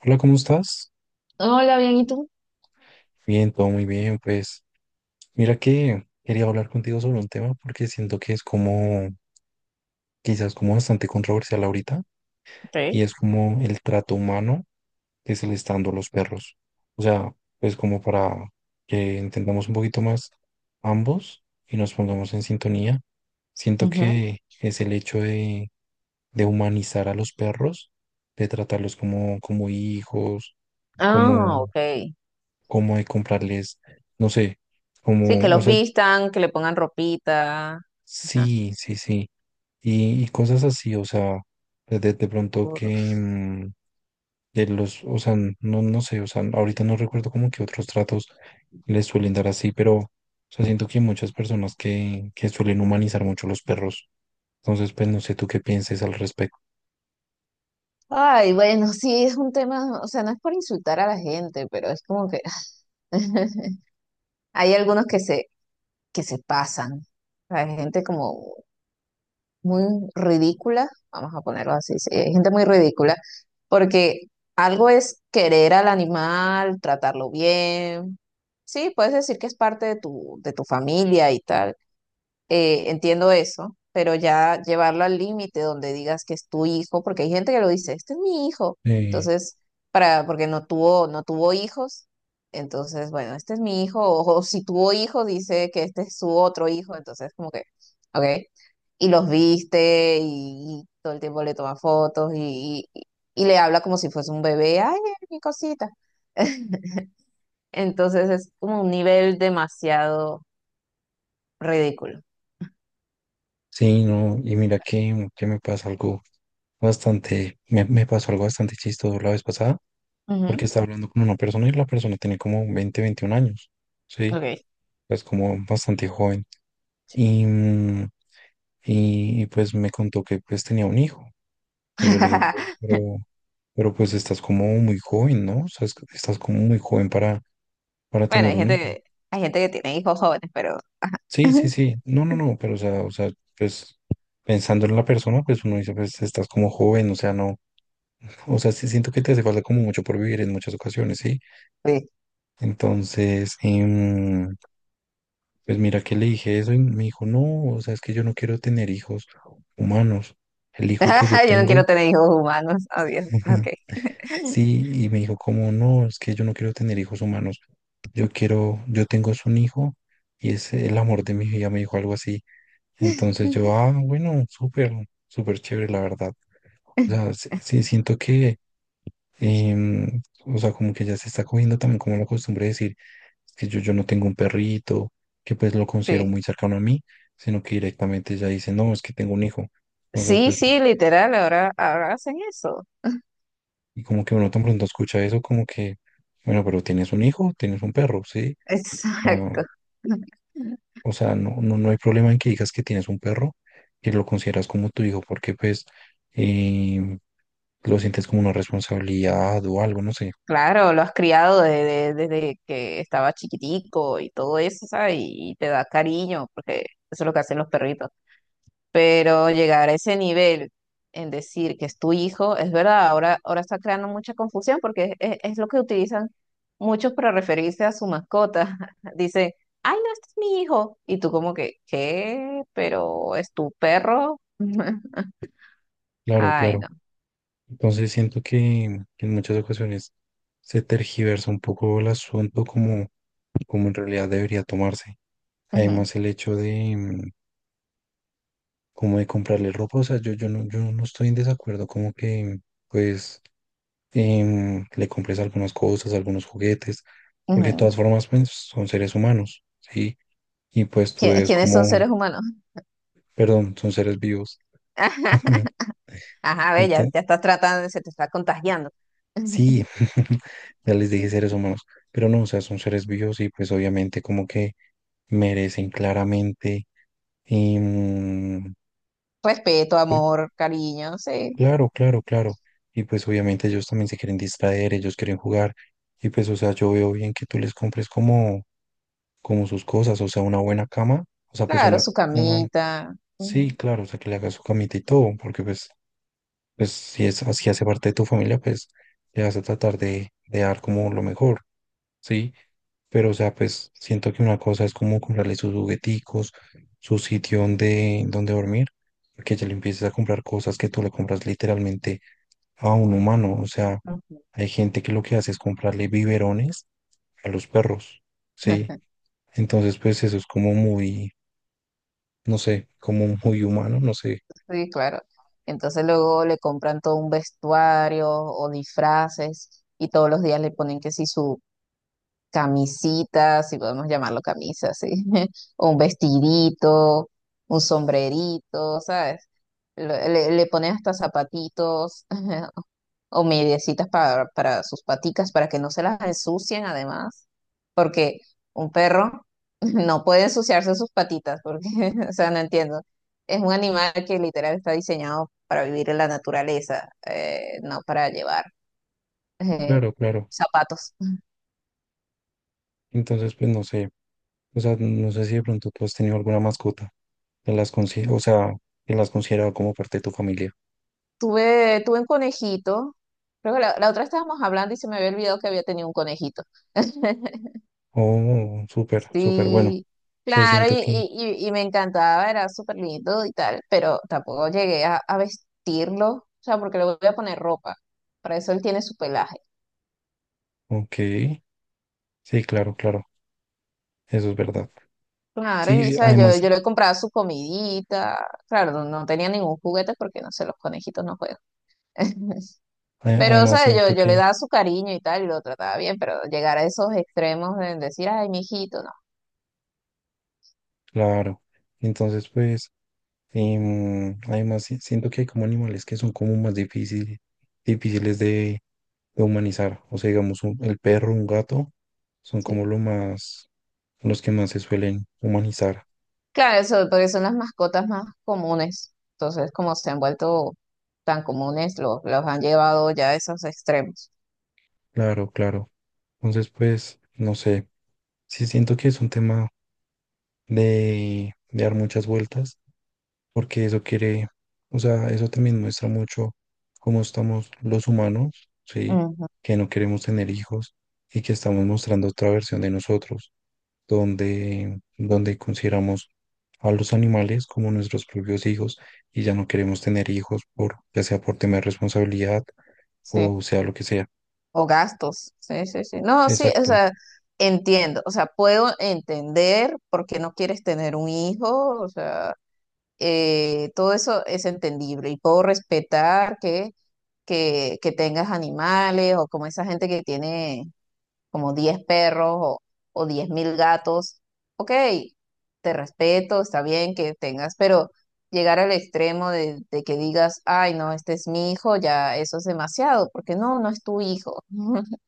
Hola, ¿cómo estás? Hola, bien, ¿y tú? Bien, todo muy bien. Pues mira que quería hablar contigo sobre un tema porque siento que es como, quizás como bastante controversial ahorita y Sí. es como el trato humano que se le está dando a los perros. O sea, pues como para que entendamos un poquito más ambos y nos pongamos en sintonía. Siento Ujú. que es el hecho de humanizar a los perros, de tratarlos como, como hijos, Ah, como ok. como de comprarles, no sé, Sí, que como, o los sea, vistan, que le pongan ropita. Ajá. sí, sí, sí, y cosas así, o sea, de pronto que de los, o sea, no sé, o sea, ahorita no recuerdo como que otros tratos les suelen dar así, pero, o sea, siento que hay muchas personas que suelen humanizar mucho los perros, entonces, pues, no sé tú qué pienses al respecto. Ay, bueno, sí, es un tema, o sea, no es por insultar a la gente, pero es como que hay algunos que se pasan. Hay gente como muy ridícula, vamos a ponerlo así, sí, hay gente muy ridícula, porque algo es querer al animal, tratarlo bien. Sí, puedes decir que es parte de tu familia y tal. Entiendo eso, pero ya llevarlo al límite donde digas que es tu hijo, porque hay gente que lo dice, este es mi hijo. Eh, Entonces, porque no tuvo hijos, entonces, bueno, este es mi hijo, o si tuvo hijos, dice que este es su otro hijo, entonces como que, ok. Y los viste y todo el tiempo le toma fotos y le habla como si fuese un bebé, ay, mira mi cosita. Entonces es como un nivel demasiado ridículo. sí, no, y mira que me pasa algo bastante, me pasó algo bastante chistoso la vez pasada porque Ujú, estaba hablando con una persona y la persona tenía como 20 21 años, ¿sí? ok. Es como bastante joven. Y, mm, pues me contó que pues tenía un hijo. Entonces yo le digo: "Pero, pero pero, pues estás como muy joven, ¿no? O sea, es- estás como muy joven para Bueno, tener hay un gente hijo." que, hay gente que tiene hijos jóvenes, pero Sí, sí, sí. No, no, no, pero o sea, pues pensando en la persona, pues uno dice, pues estás como joven, o sea, no, o sea, sí siento que te hace falta como mucho por vivir en muchas ocasiones, ¿sí? sí. Entonces, pues mira que le dije eso y me dijo, no, o sea, es que yo no quiero tener hijos humanos. El hijo que yo Yo no tengo, quiero tener hijos humanos. Adiós. Ok. sí, y me dijo, como no, es que yo no quiero tener hijos humanos. Yo quiero, yo tengo es un hijo y es el amor de mi vida, me dijo algo así. Entonces yo, ah, bueno, súper, súper chévere, la verdad. O sea, sí, sí siento que o sea, como que ya se está cogiendo también como la costumbre de decir: "Es que yo no tengo un perrito, que pues lo considero Sí. muy cercano a mí, sino que directamente ya dice, no, es que tengo un hijo." Entonces, Sí, pues, como- sí, literal, ahora hacen eso. y como que uno tan pronto escucha eso, como que, bueno, pero tienes un hijo, tienes un perro, ¿sí? O sea, Exacto. o sea, no, no hay problema en que digas que tienes un perro y lo consideras como tu hijo, porque pues em, lo sientes como una responsabilidad o algo, no sé. Claro, lo has criado desde que estaba chiquitico y todo eso, ¿sabes? Y, te da cariño, porque eso es lo que hacen los perritos. Pero llegar a ese nivel en decir que es tu hijo, es verdad, ahora está creando mucha confusión porque es lo que utilizan muchos para referirse a su mascota. Dice ay, no, este es mi hijo. Y tú como que, ¿qué? ¿Pero es tu perro? Claro, Ay, claro. no. Entonces siento que, en muchas ocasiones se tergiversa un poco el asunto como, como en realidad debería tomarse. Ujú, Además el hecho de como de comprarle ropa, o sea, yo, yo no estoy en desacuerdo como que pues le compres algunas cosas, algunos juguetes, porque de ujú. todas formas pues, son seres humanos, ¿sí? Y pues tú es ¿Quiénes son como, seres humanos? perdón, son seres vivos. Ajá, ve, ya, Entonces, ya estás tratando, se te está contagiando. sí, ya les dije seres humanos, pero no, o sea, son seres vivos y pues obviamente como que merecen claramente. em, Respeto, pues, amor, cariño, sí. claro, claro, claro. Y pues obviamente ellos también se quieren distraer, ellos quieren jugar. Y pues, o sea, yo veo bien que tú les compres como, como sus cosas, o sea, una buena cama, o sea, Claro, su una, camita. sí, claro, o sea, que le hagas su camita y todo, porque pues, pues si es así hace parte de tu familia, pues le vas a tratar de dar como lo mejor. ¿Sí? Pero, o sea, pues siento que una cosa es como comprarle sus jugueticos, su sitio donde, donde dormir, porque ya le empiezas a comprar cosas que tú le compras literalmente a un humano. O sea, Ujú. hay gente que lo que hace es comprarle biberones a los perros, ¿sí? Entonces, pues eso es como muy, no sé, como muy humano, no sé. Sí, claro. Entonces luego le compran todo un vestuario o disfraces y todos los días le ponen que si su camisita, si podemos llamarlo camisa, sí, o un vestidito, un sombrerito, ¿sabes? Le ponen hasta zapatitos, o mediecitas para sus paticas, para que no se las ensucien además, porque un perro no puede ensuciarse sus patitas, porque, o sea, no entiendo. Es un animal que literal está diseñado para vivir en la naturaleza, no para llevar eh, Claro, claro. zapatos. Entonces, pues no sé. O sea, no sé si de pronto tú has tenido alguna mascota que las consi- o sea, que las considerado como parte de tu familia. Tuve un conejito, creo que la otra estábamos hablando y se me había olvidado que había tenido un conejito. Oh, súper, súper bueno. Sí, Sí, claro, y, siento que, y, y y me encantaba, era súper lindo y tal, pero tampoco llegué a vestirlo, o sea, porque le voy a poner ropa, para eso él tiene su pelaje. ok, sí, claro, claro, eso es verdad. Claro, y Sí, ¿sabes? Yo, además, yo le compraba su comidita, claro, no, no tenía ningún juguete porque no sé, los conejitos no juegan. a- Pero, además ¿sabes? Yo, siento yo le que, daba su cariño y tal, y lo trataba bien, pero llegar a esos extremos de decir, ay, mi hijito, no. claro, entonces pues, además si- siento que hay como animales que son como más difíciles, difíciles de humanizar. O sea, digamos, un- el perro, un gato, son Sí. como lo más, los que más se suelen humanizar. Claro, eso, porque son las mascotas más comunes. Entonces, como se han vuelto tan comunes, los han llevado ya a esos extremos. Claro, claro. Entonces pues, no sé, sí siento que es un tema de dar muchas vueltas porque eso quiere, o sea, eso también muestra mucho cómo estamos los humanos, ¿sí? Ujú, Que no queremos tener hijos y que estamos mostrando otra versión de nosotros, donde consideramos a los animales como nuestros propios hijos y ya no queremos tener hijos por, ya sea por tema de responsabilidad sí. o sea lo que sea. O gastos. Sí, sí, sí. No, sí, o Exacto, sea, entiendo. O sea, puedo entender por qué no quieres tener un hijo. O sea, todo eso es entendible. Y puedo respetar que tengas animales o como esa gente que tiene, como 10 perros o 10.000 gatos, ok, te respeto, está bien que tengas, pero llegar al extremo de que digas, ay, no, este es mi hijo, ya eso es demasiado, porque no, no es tu hijo.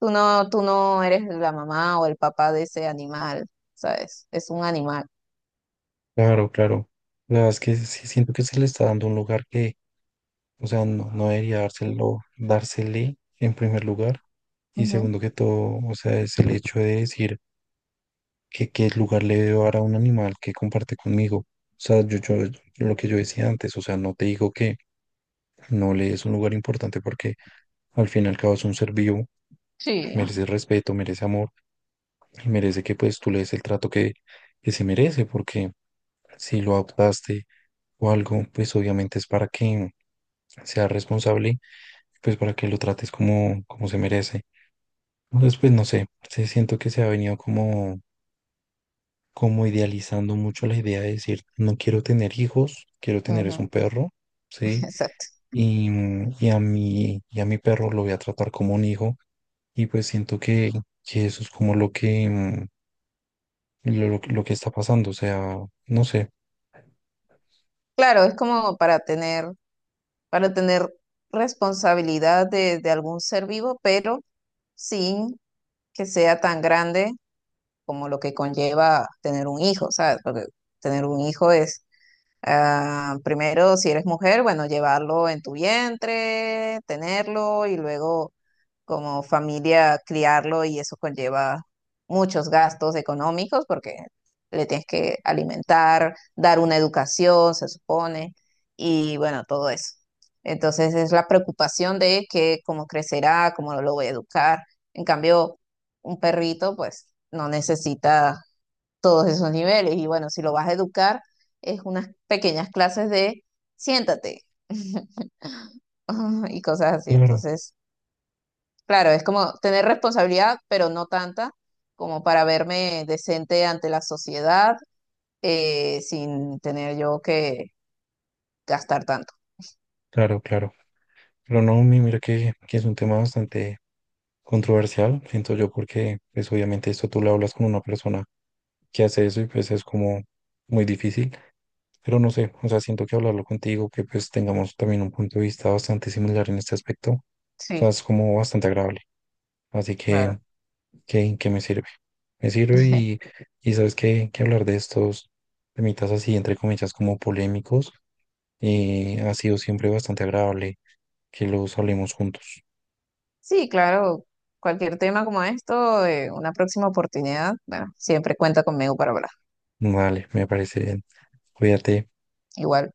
Tú no eres la mamá o el papá de ese animal, ¿sabes? Es un animal. claro, claro. La verdad es que sí siento que se le está dando un lugar que o sea, no debería dárselo, dársele en primer lugar. Y Ujú, segundo que todo, o sea, es el hecho de decir que qué lugar le debo dar a un animal que comparte conmigo. O sea, yo, lo que yo decía antes, o sea, no te digo que no le des un lugar importante porque al fin y al cabo es un ser vivo, sí. merece respeto, merece amor y merece que pues tú le des el trato que se merece porque si lo adoptaste o algo, pues obviamente es para que sea responsable, pues para que lo trates como, como se merece. Después, no sé, sí siento que se ha venido como, como idealizando mucho la idea de decir, no quiero tener hijos, quiero tener es un Ujú. perro, ¿sí? Exacto. Y a mi perro lo voy a tratar como un hijo y pues siento que eso es como lo que, lo que está pasando, o sea, no sé, Claro, es como para tener, responsabilidad de algún ser vivo, pero sin que sea tan grande como lo que conlleva tener un hijo, ¿sabes? Porque tener un hijo es, ah, primero, si eres mujer, bueno, llevarlo en tu vientre, tenerlo y luego como familia criarlo y eso conlleva muchos gastos económicos porque le tienes que alimentar, dar una educación, se supone, y bueno, todo eso. Entonces es la preocupación de que cómo crecerá, cómo lo voy a educar. En cambio, un perrito pues no necesita todos esos niveles y bueno, si lo vas a educar es unas pequeñas clases de siéntate y cosas así. claro, Entonces, claro, es como tener responsabilidad, pero no tanta como para verme decente ante la sociedad, sin tener yo que gastar tanto. claro, claro. Pero no, mi- mira que es un tema bastante controversial, siento yo, porque pues obviamente esto tú lo hablas con una persona que hace eso y pues es como muy difícil. Pero no sé, o sea, siento que hablarlo contigo, que pues tengamos también un punto de vista bastante similar en este aspecto, o sea, Sí, es como bastante agradable. Así que, claro. ¿qué, qué me sirve? Me sirve y sabes que hablar de estos temitas así, entre comillas, como polémicos, ha sido siempre bastante agradable que los hablemos juntos. Sí, claro. Cualquier tema como esto, una próxima oportunidad, bueno, siempre cuenta conmigo para hablar. Vale, me parece bien. Cuídate. Igual.